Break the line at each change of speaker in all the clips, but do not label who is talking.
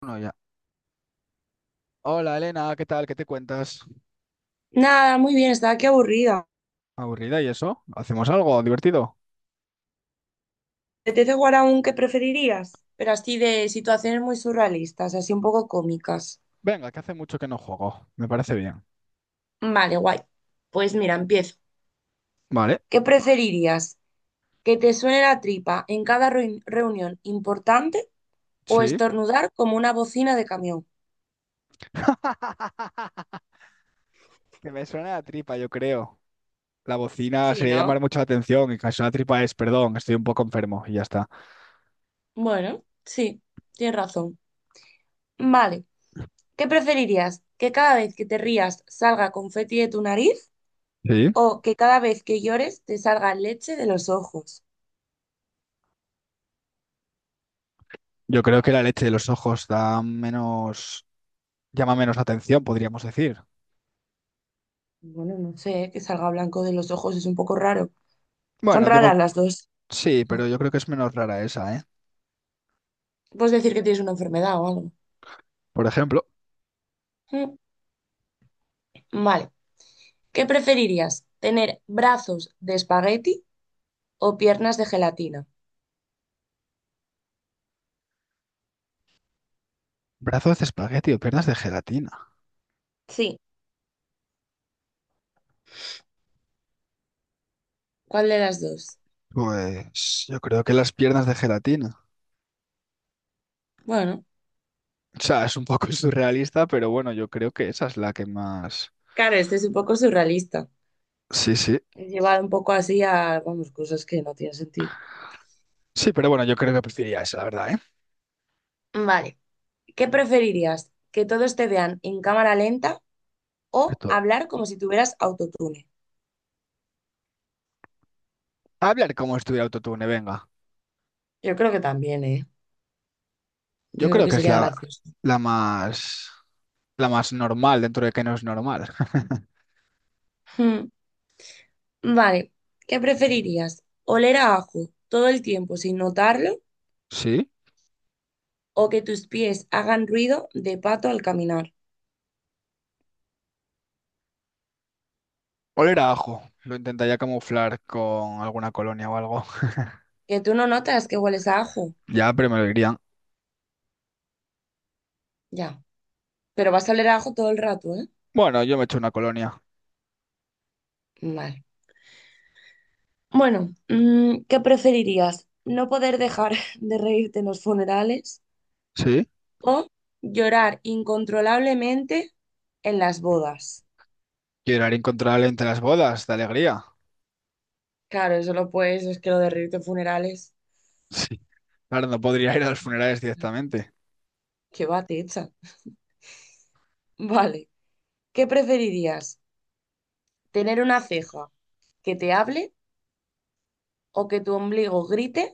Bueno, ya. Hola Elena, ¿qué tal? ¿Qué te cuentas?
Nada, muy bien, estaba aquí aburrida.
¿Aburrida y eso? ¿Hacemos algo divertido?
¿Te apetece jugar a un que preferirías? Pero así de situaciones muy surrealistas, así un poco cómicas.
Venga, que hace mucho que no juego. Me parece bien.
Vale, guay. Pues mira, empiezo.
Vale,
¿Qué preferirías? ¿Que te suene la tripa en cada reunión importante o
sí.
estornudar como una bocina de camión?
Que me suena la tripa, yo creo. La bocina
Sí,
sería
¿no?
llamar mucho la atención y casi una tripa es, perdón, estoy un poco enfermo y ya está.
Bueno, sí, tienes razón. Vale, ¿qué preferirías? ¿Que cada vez que te rías salga confeti de tu nariz
Sí.
o que cada vez que llores te salga leche de los ojos?
Yo creo que la leche de los ojos da menos, llama menos la atención, podríamos decir.
Bueno, no sé, que salga blanco de los ojos es un poco raro. Son
Bueno,
raras
digo,
las dos.
sí, pero yo creo que es menos rara esa, ¿eh?
Puedes decir que tienes una enfermedad o algo.
Por ejemplo,
Mm. Vale. ¿Qué preferirías? ¿Tener brazos de espagueti o piernas de gelatina?
brazos de espagueti o piernas de gelatina.
Sí. ¿Cuál de las dos?
Pues yo creo que las piernas de gelatina.
Bueno,
O sea, es un poco surrealista, pero bueno, yo creo que esa es la que más...
claro, este es un poco surrealista.
Sí, sí.
He llevado un poco así a, vamos, cosas que no tienen sentido.
Sí, pero bueno, yo creo que preferiría esa, la verdad, ¿eh?
Vale. ¿Qué preferirías? ¿Que todos te vean en cámara lenta o
Esto-
hablar como si tuvieras autotune?
Hablar como si estuviera autotune, venga.
Yo creo que también, ¿eh?
Yo
Yo creo
creo
que
que es
sería
la,
gracioso.
la más... La más normal dentro de que no es normal.
Hmm. Vale, ¿qué preferirías? ¿Oler a ajo todo el tiempo sin notarlo
¿Sí?
o que tus pies hagan ruido de pato al caminar?
Oler a ajo. Lo intentaría camuflar con alguna colonia o algo.
Que tú no notas que hueles a ajo,
Ya, pero me lo dirían.
ya, pero vas a oler a ajo todo el rato, ¿eh?
Bueno, yo me echo una colonia.
Vale. Bueno, ¿Qué preferirías? ¿No poder dejar de reírte en los funerales
¿Sí?
o llorar incontrolablemente en las bodas?
Llorar incontrolable entre las bodas, de alegría.
Claro, eso lo puedes, es que lo de reírte en funerales,
Sí. Claro, no podría ir a los funerales directamente.
qué va, te echa. Vale, ¿qué preferirías? Tener una ceja que te hable o que tu ombligo grite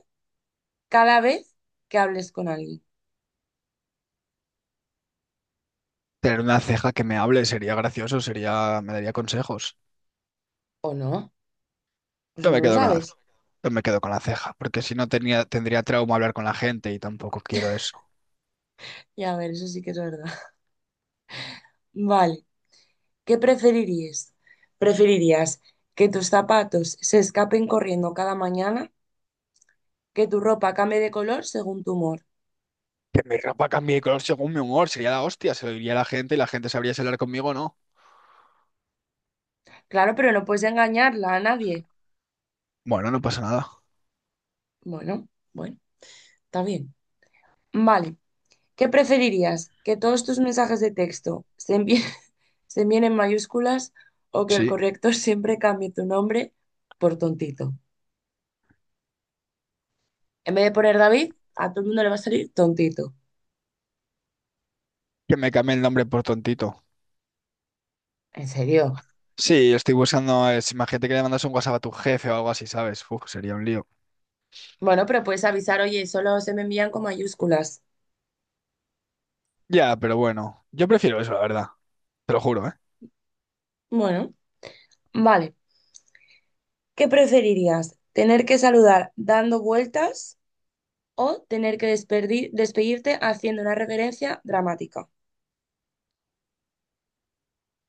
cada vez que hables con alguien.
Tener una ceja que me hable sería gracioso, sería, me daría consejos.
¿O no? Pues
Yo me
no lo
quedo con la,
sabes.
yo me quedo con la ceja, porque si no tenía, tendría trauma hablar con la gente y tampoco quiero eso.
Ya, a ver, eso sí que es verdad. Vale, ¿qué preferirías? ¿Preferirías que tus zapatos se escapen corriendo cada mañana? ¿Que tu ropa cambie de color según tu humor?
Que mi ropa cambie de color según mi humor, sería la hostia, se lo diría a la gente y la gente sabría si hablar conmigo o no.
Claro, pero no puedes engañarla a nadie.
Bueno, no pasa nada.
Bueno, está bien. Vale, ¿qué preferirías? ¿Que todos tus mensajes de texto se envíen, se envíen en mayúsculas o que el
Sí,
corrector siempre cambie tu nombre por tontito? En vez de poner David, a todo el mundo le va a salir tontito.
que me cambie el nombre por tontito.
¿En serio?
Sí, yo estoy buscando, es, imagínate que le mandas un WhatsApp a tu jefe o algo así, ¿sabes? Uf, sería un lío.
Bueno, pero puedes avisar, oye, solo se me envían con mayúsculas.
Ya, pero bueno, yo prefiero eso, la verdad, te lo juro, ¿eh?
Bueno, vale. ¿Qué preferirías? ¿Tener que saludar dando vueltas o tener que despedirte haciendo una referencia dramática?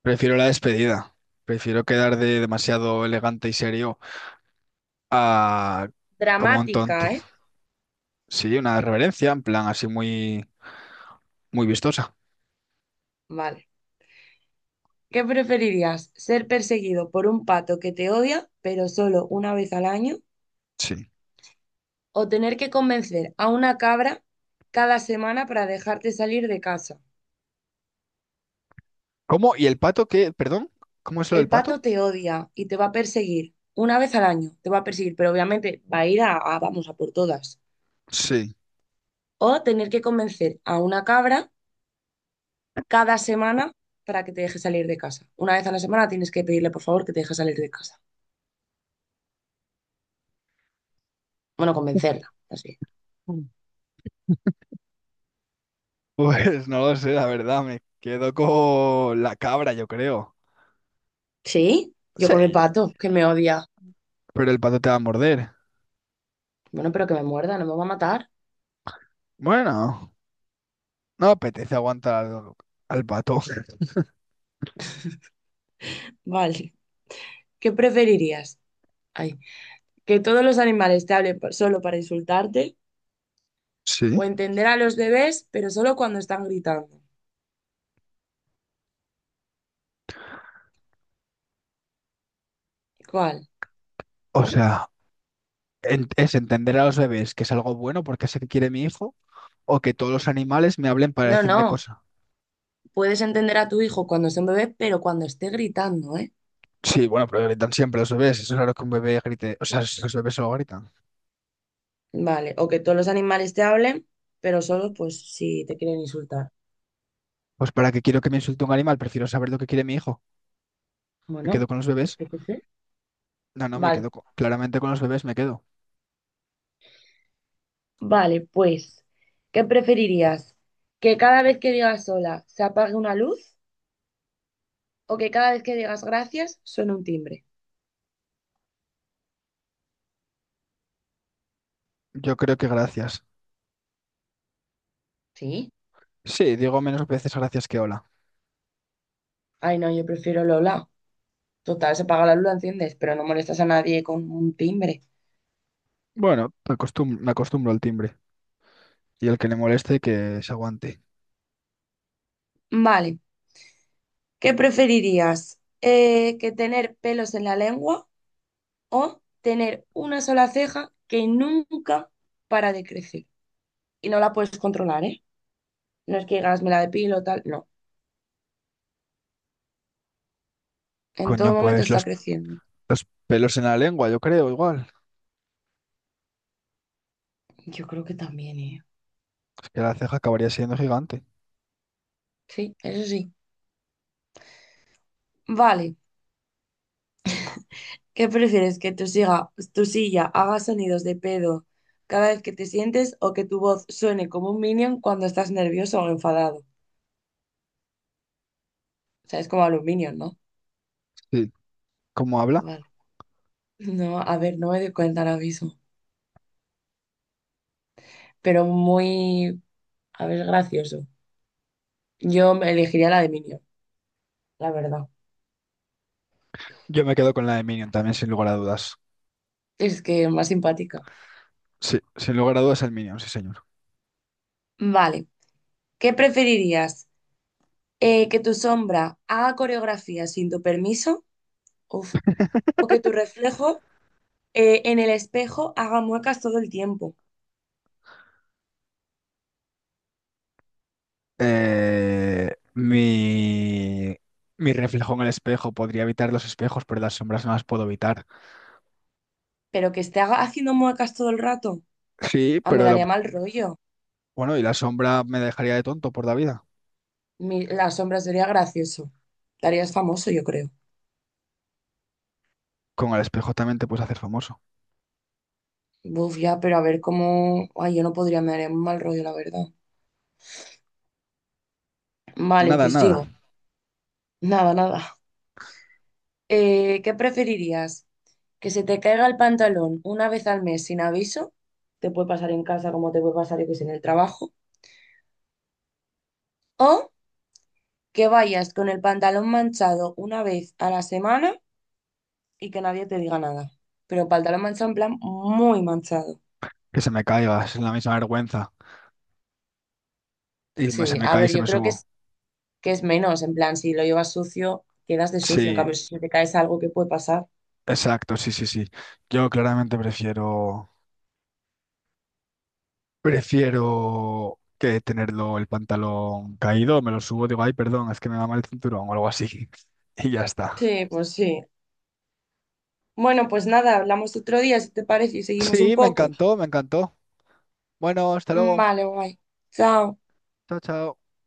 Prefiero la despedida. Prefiero quedar de demasiado elegante y serio. Ah, como un
Dramática,
tonti.
¿eh?
Sí, una reverencia, en plan así muy vistosa.
Vale. ¿Qué preferirías? ¿Ser perseguido por un pato que te odia, pero solo una vez al año?
Sí.
¿O tener que convencer a una cabra cada semana para dejarte salir de casa?
¿Cómo? ¿Y el pato qué? ¿Perdón? ¿Cómo es lo del
El
pato?
pato te odia y te va a perseguir una vez al año, te va a perseguir, pero obviamente va a ir a- vamos a por todas.
Sí.
O tener que convencer a una cabra cada semana para que te deje salir de casa. Una vez a la semana tienes que pedirle por favor que te deje salir de casa. Bueno, convencerla, así.
Mm. Pues no lo sé, la verdad, me quedo con la cabra, yo creo.
Sí, yo
Sí,
con el pato que me odia.
pero el pato te va a morder.
Bueno, pero que me muerda, no me va a matar.
Bueno, no apetece aguantar al pato.
Vale. ¿Qué preferirías? Ay, ¿que todos los animales te hablen solo para insultarte?
Sí.
¿O entender a los bebés, pero solo cuando están gritando? ¿Cuál?
O sea, es entender a los bebés que es algo bueno porque sé que quiere mi hijo o que todos los animales me hablen para
No,
decirme
no.
cosas.
Puedes entender a tu hijo cuando sea un bebé, pero cuando esté gritando, ¿eh?
Sí, bueno, pero gritan siempre los bebés. Eso es raro que un bebé grite. O sea, si los bebés solo gritan.
Vale. ¿O que todos los animales te hablen, pero solo pues si te quieren insultar?
Pues para qué quiero que me insulte un animal, prefiero saber lo que quiere mi hijo. ¿Me
Bueno,
quedo con los bebés?
yo qué sé.
No, no, me
Vale,
quedo claramente con los bebés, me quedo.
vale, pues, ¿qué preferirías? ¿Que cada vez que digas sola se apague una luz? O que cada vez que digas gracias suene un timbre.
Yo creo que gracias.
Sí.
Sí, digo menos veces gracias que hola.
Ay, no, yo prefiero Lola. Total, se apaga la luz, la enciendes, pero no molestas a nadie con un timbre.
Bueno, me acostumbro al timbre. Y el que le moleste, que se aguante.
Vale, ¿qué preferirías? ¿Que tener pelos en la lengua o tener una sola ceja que nunca para de crecer? Y no la puedes controlar, ¿eh? No es que digas, me la depilo o tal, no. En
Coño,
todo momento
pues
está
los,
creciendo.
los pelos en la lengua, yo creo, igual.
Yo creo que también, ¿eh?
Es que la ceja acabaría siendo gigante.
Sí, eso sí. Vale. ¿Qué prefieres? ¿Que tu silla haga sonidos de pedo cada vez que te sientes o que tu voz suene como un minion cuando estás nervioso o enfadado? O sea, es como a los minions, ¿no?
Sí. ¿Cómo habla?
Vale. No, a ver, no me doy cuenta ahora mismo. Pero muy, a ver, gracioso. Yo me elegiría la de minion, la verdad.
Yo me quedo con la de Minion también, sin lugar a dudas.
Es que más simpática.
Sí, sin lugar a dudas el Minion, sí, señor.
Vale. ¿Qué preferirías? ¿Que tu sombra haga coreografía sin tu permiso? Uf. ¿O que tu reflejo en el espejo haga muecas todo el tiempo?
Eh, mi, mi reflejo en el espejo. Podría evitar los espejos, pero las sombras no las puedo evitar.
Pero que esté haciendo muecas todo el rato,
Sí,
ah, me
pero
daría mal rollo.
bueno, y la sombra me dejaría de tonto por la vida.
La sombra sería gracioso. Darías famoso, yo creo.
Con el espejo también te puedes hacer famoso.
Buf, ya, pero a ver cómo. Ay, yo no podría, me daría un mal rollo, la verdad. Vale,
Nada,
pues digo,
nada.
nada, nada. ¿Qué preferirías? ¿Que se te caiga el pantalón una vez al mes sin aviso? Te puede pasar en casa como te puede pasar, yo que sé, en el trabajo. O que vayas con el pantalón manchado una vez a la semana y que nadie te diga nada. Pero pantalón manchado en plan muy manchado.
Que se me caiga, es la misma vergüenza. Y se
Sí,
me
a
cae y
ver,
se
yo
me
creo
subo.
que es menos, en plan, si lo llevas sucio, quedas de sucio, en
Sí,
cambio, si se te caes algo qué puede pasar.
exacto, sí, sí, sí. Yo claramente prefiero que tenerlo el pantalón caído, me lo subo, digo, ay, perdón, es que me va mal el cinturón o algo así. Y ya está.
Sí, pues sí. Bueno, pues nada, hablamos otro día, si te parece, y seguimos un
Sí, me
poco.
encantó, me encantó. Bueno, hasta luego.
Vale, guay. Chao.
Chao, chao.